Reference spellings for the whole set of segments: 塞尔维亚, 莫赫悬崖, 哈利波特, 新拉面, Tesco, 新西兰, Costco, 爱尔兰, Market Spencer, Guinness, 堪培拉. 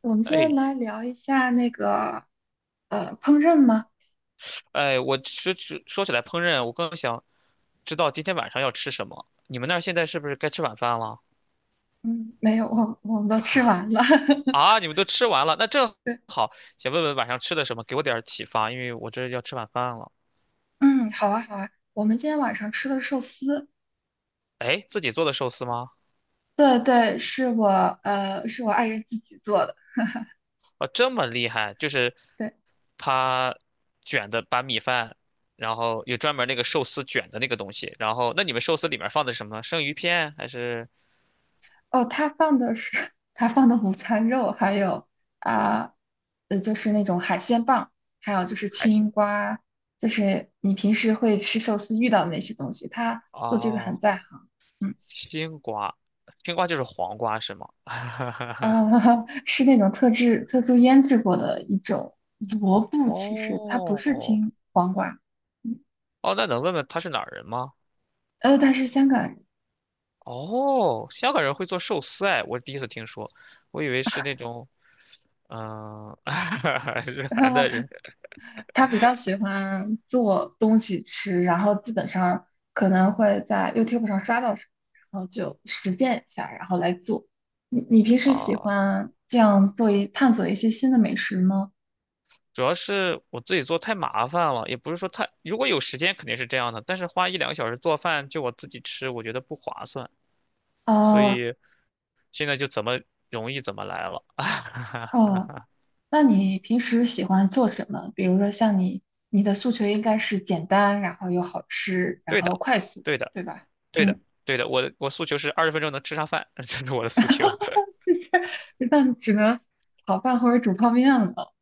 我们现在哎来聊一下那个烹饪吗？哎，我只说起来烹饪，我更想知道今天晚上要吃什么。你们那儿现在是不是该吃晚饭了？嗯，没有，我们都吃完了。啊，你们都吃完了，那正对，好，想问问晚上吃的什么，给我点儿启发，因为我这要吃晚饭了。嗯，好啊好啊。我们今天晚上吃的寿司，哎，自己做的寿司吗？对对，是我呃是我爱人自己做的。啊，这么厉害，就是对，他卷的，把米饭，然后有专门那个寿司卷的那个东西，然后那你们寿司里面放的是什么呢生鱼片还是哦，他放的是 他放的午餐肉，还有啊就是那种海鲜棒，还有就是海鲜？青瓜，就是你平时会吃寿司遇到的那些东西，他做这个很哦，在行。嗯。青瓜，青瓜就是黄瓜是吗？呃，是那种特制、特殊腌制过的一种萝哦卜，其实它不是哦青黄瓜，嗯哦，那能问问他是哪儿人吗？但是香港人 哦，香港人会做寿司哎，我第一次听说，我以为是那种日韩的人 他比较喜欢做东西吃，然后基本上可能会在 YouTube 上刷到什么，然后就实践一下，然后来做。你平时喜啊。欢这样探索一些新的美食吗？主要是我自己做太麻烦了，也不是说太，如果有时间肯定是这样的，但是花一两个小时做饭就我自己吃，我觉得不划算，所啊、以现在就怎么容易怎么来了。哦。那你平时喜欢做什么？比如说像你，你的诉求应该是简单，然后又好吃，然对后的，快速，对的，对吧？对的，嗯，对的，我诉求是二十分钟能吃上饭，这是我的诉求。那只能炒饭或者煮泡面了。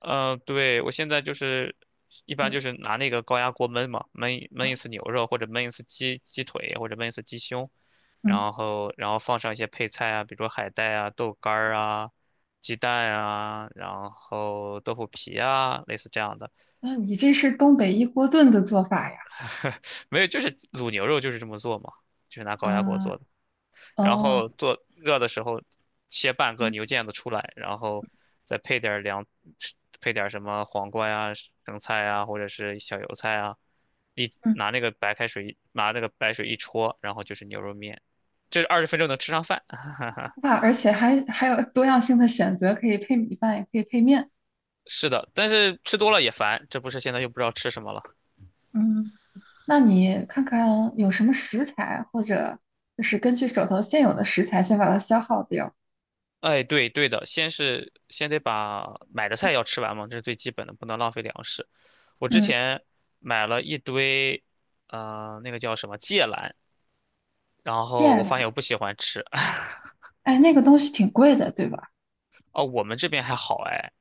对，我现在就是一般嗯就是拿那个高压锅焖嘛，焖啊一次牛肉或者焖一次鸡腿或者焖一次鸡胸，嗯，然后放上一些配菜啊，比如说海带啊、豆干儿啊、鸡蛋啊，然后豆腐皮啊，类似这样的。那你这是东北一锅炖的做法呀？没有，就是卤牛肉就是这么做嘛，就是拿高压锅做啊的。然后哦做热的时候切半个嗯牛腱子出来，然后再配点儿凉，配点儿什么黄瓜呀、生菜呀，或者是小油菜啊，一嗯，拿那个白开水，拿那个白水一戳，然后就是牛肉面，这二十分钟能吃上饭。哇，而且还有多样性的选择，可以配米饭，也可以配面。是的，但是吃多了也烦，这不是现在又不知道吃什么了。嗯，那你看看有什么食材，或者就是根据手头现有的食材，先把它消耗掉。哎，对对的，先是先得把买的菜要吃完嘛，这是最基本的，不能浪费粮食。我之嗯，前买了一堆，那个叫什么芥蓝。然芥后我发现蓝，我不喜欢吃。哎，那个东西挺贵的，对吧？哦，我们这边还好哎，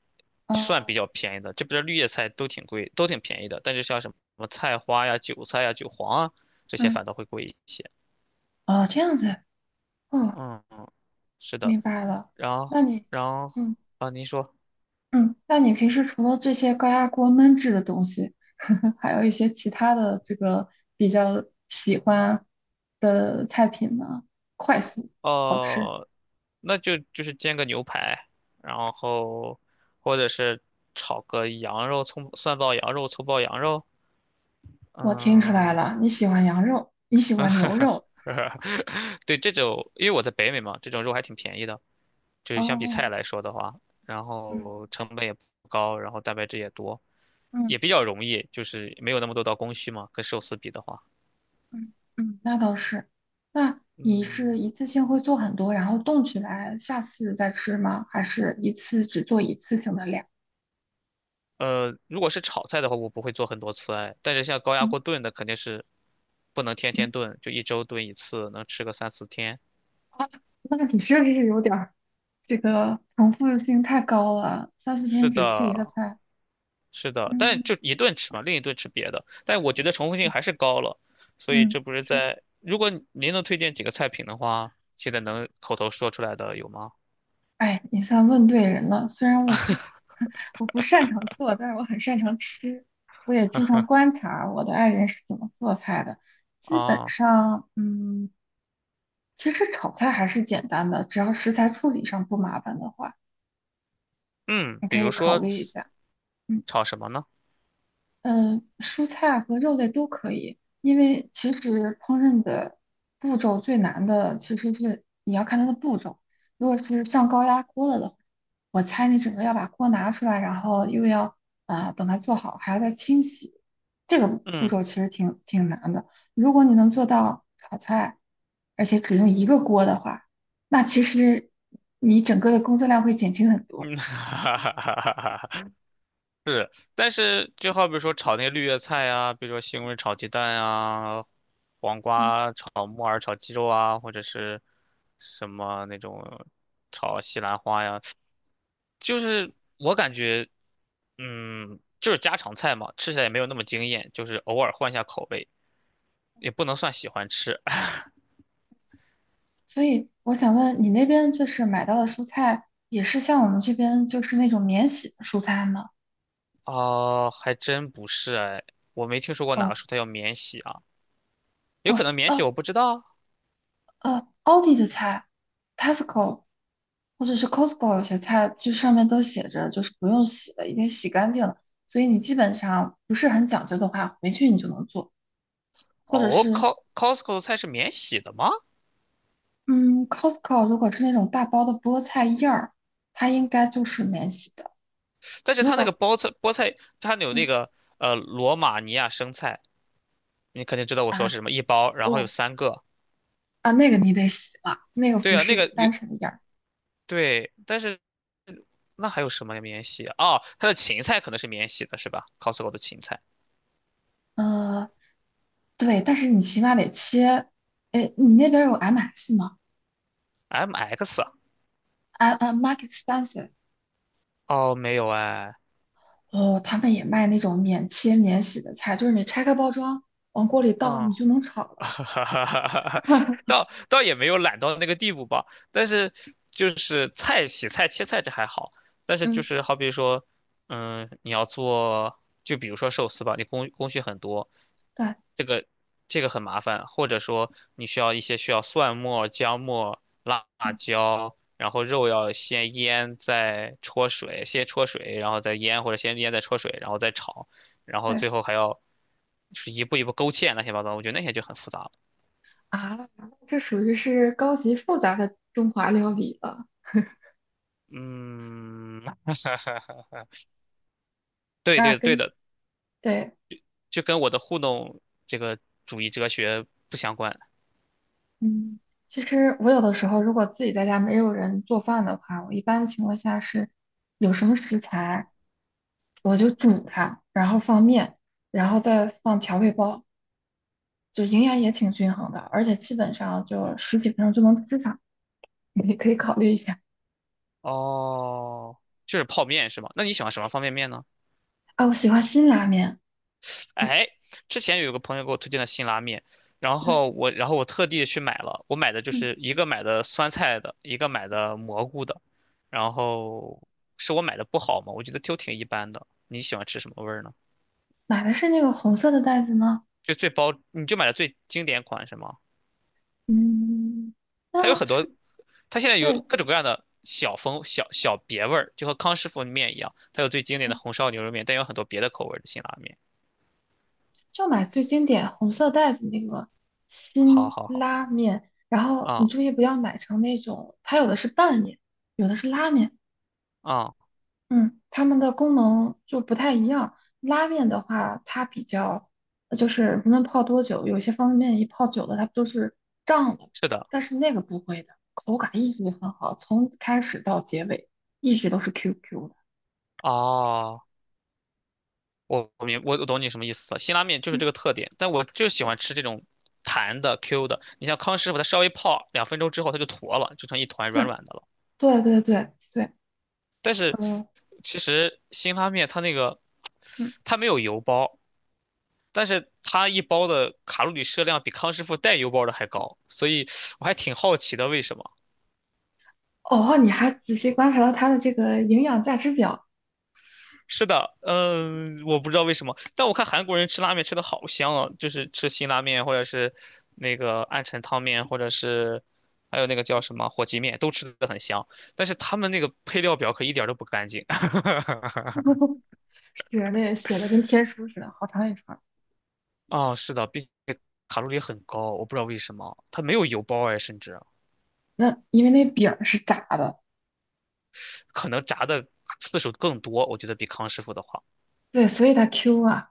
算比哦，较便宜的。这边的绿叶菜都挺贵，都挺便宜的。但是像什么菜花呀、韭菜呀、韭黄啊，这些嗯，反倒会贵一些。哦，这样子，哦，嗯，是的。明白了。然那后，你，然后嗯啊，您说，嗯，那你平时除了这些高压锅焖制的东西，还有一些其他的这个比较喜欢的菜品呢？快速好吃，哦、那就是煎个牛排，然后或者是炒个羊肉、葱蒜爆羊肉、葱爆羊肉。我听出来嗯，了，你喜欢羊肉，你喜欢牛 肉。对，这种因为我在北美嘛，这种肉还挺便宜的。就是相比菜哦，来说的话，然嗯后成本也不高，然后蛋白质也多，嗯也比较容易，就是没有那么多道工序嘛，跟寿司比的话。嗯嗯，那倒是。那你嗯，是一次性会做很多，然后冻起来，下次再吃吗？还是一次只做一次性的量？如果是炒菜的话，我不会做很多次哎，但是像高压嗯锅炖的肯定是不能天天嗯，炖，就一周炖一次，能吃个三四天。啊，那你是不是有点儿这个重复性太高了？三四是天只吃一个的，菜。是的，但嗯就一顿吃嘛，另一顿吃别的。但我觉得重复性还是高了，所以这嗯，不是是。在，如果您能推荐几个菜品的话，现在能口头说出来的有吗？哎，你算问对人了。虽然我不 我不擅长做，但是我很擅长吃。我也经常观察我的爱人是怎么做菜的。基本啊。上，嗯。其实炒菜还是简单的，只要食材处理上不麻烦的话，嗯，你比可以如考说虑一下。嗯。炒什么呢？嗯，蔬菜啊和肉类都可以，因为其实烹饪的步骤最难的其实是你要看它的步骤。如果是上高压锅了的话，我猜你整个要把锅拿出来，然后又要等它做好，还要再清洗，这个步嗯骤其实挺难的。如果你能做到炒菜，而且只用一个锅的话，那其实你整个的工作量会减轻很多。嗯，哈哈哈哈哈哈。但是就好比说炒那些绿叶菜啊，比如说西红柿炒鸡蛋啊，黄嗯。瓜炒木耳炒鸡肉啊，或者是什么那种炒西兰花呀，就是我感觉，嗯，就是家常菜嘛，吃起来也没有那么惊艳，就是偶尔换一下口味，也不能算喜欢吃。所以我想问你那边就是买到的蔬菜也是像我们这边就是那种免洗的蔬菜吗？啊，还真不是哎，我没听说过哪个哦蔬菜要免洗啊。有哦可能免洗，我不知道啊。A 奥迪的菜，Tesco 或者是 Costco 有些菜就上面都写着就是不用洗了，已经洗干净了，所以你基本上不是很讲究的话，回去你就能做，或者哦是，Costco 的菜是免洗的吗？嗯，Costco 如果是那种大包的菠菜叶儿，它应该就是免洗的，但是如它那个果包菜菠菜，它有那嗯个罗马尼亚生菜，你肯定知道我说啊。是什么，一包，然后有哦。三个。啊，那个你得洗了，那个对不啊，那个是有单纯一叶儿。对，但是那还有什么免洗啊？哦，它的芹菜可能是免洗的，是吧？Costco 的芹菜呃，对，但是你起码得切。哎，你那边有 MS 吗，MX 啊？M Market Spencer，哦，没有哎，哦，他们也卖那种免切免洗的菜，就是你拆开包装，往锅里倒，嗯。你就能炒了。哈哈哈哈哈，倒也没有懒到那个地步吧，但是就是菜洗菜切菜这还好，但是就嗯，是好比说，嗯，你要做，就比如说寿司吧，你工序很多，对这个这个很麻烦，或者说你需要一些需要蒜末、姜末、辣嗯椒，然后肉要先腌再焯水，先焯水然后再腌，或者先腌再焯水，然后再炒，然后对最后还要就是一步一步勾芡乱七八糟，我觉得那些就很复杂啊，这属于是高级复杂的中华料理了。嗯，对那对对跟的，对就跟我的互动这个主义哲学不相关。嗯，其实我有的时候如果自己在家没有人做饭的话，我一般情况下是有什么食材就煮它，然后放面，然后再放调味包，就营养也挺均衡的，而且基本上就十几分钟就能吃上，你可以考虑一下。哦，就是泡面是吗？那你喜欢什么方便面呢？啊，我喜欢新拉面，嗯，哎，之前有个朋友给我推荐的辛拉面，然对，后我然后我特地去买了，我买的就嗯，是一个买的酸菜的，一个买的蘑菇的，然后是我买的不好嘛，我觉得都挺一般的。你喜欢吃什么味儿呢？买的是那个红色的袋子吗？就最包，你就买了最经典款是吗？嗯，它有啊，很多是，它现在有对，各种各样的小风小小别味儿，就和康师傅面一样，它有最经典的嗯红烧牛肉面，但有很多别的口味儿的辛拉面。就买最经典红色袋子那个好新好好，拉面，然后你啊、注意不要买成那种，它有的是拌面，有的是拉面，啊、嗯，它们的功能就不太一样。拉面的话，它比较就是无论泡多久，有些方便面一泡久了它不就是胀了，是的，但是那个不会的，口感一直很好，从开始到结尾一直都是 QQ 的。哦，我我明我我懂你什么意思了，辛拉面就是嗯，这个特点，但我就喜欢吃这种弹的 Q 的。你像康师傅，它稍微泡2分钟之后，它就坨了，就成一团软对软的了。对对对对对，但是呃。其实辛拉面它那个嗯它没有油包，但是它一包的卡路里摄量比康师傅带油包的还高，所以我还挺好奇的，为什么？哦，你还仔细观察了它的这个营养价值表，是的，嗯，我不知道为什么，但我看韩国人吃拉面吃的好香啊，就是吃辛拉面或者是那个暗沉汤面，或者是还有那个叫什么火鸡面，都吃的很香，但是他们那个配料表可一点儿都不干净。是那写的跟天书似的，好长一串儿。啊，是的，并且卡路里很高，我不知道为什么，它没有油包哎，甚至啊那因为那饼儿是炸的，可能炸的次数更多，我觉得比康师傅的话。对，所以它 Q 啊，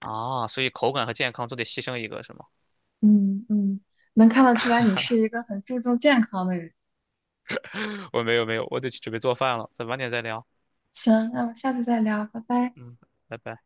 啊，所以口感和健康都得牺牲一个，是吗？嗯嗯，能看得出来你是一个很注重健康的人。我没有没有，我得去准备做饭了，咱晚点再聊。行，那我们下次再聊，拜拜。嗯，拜拜。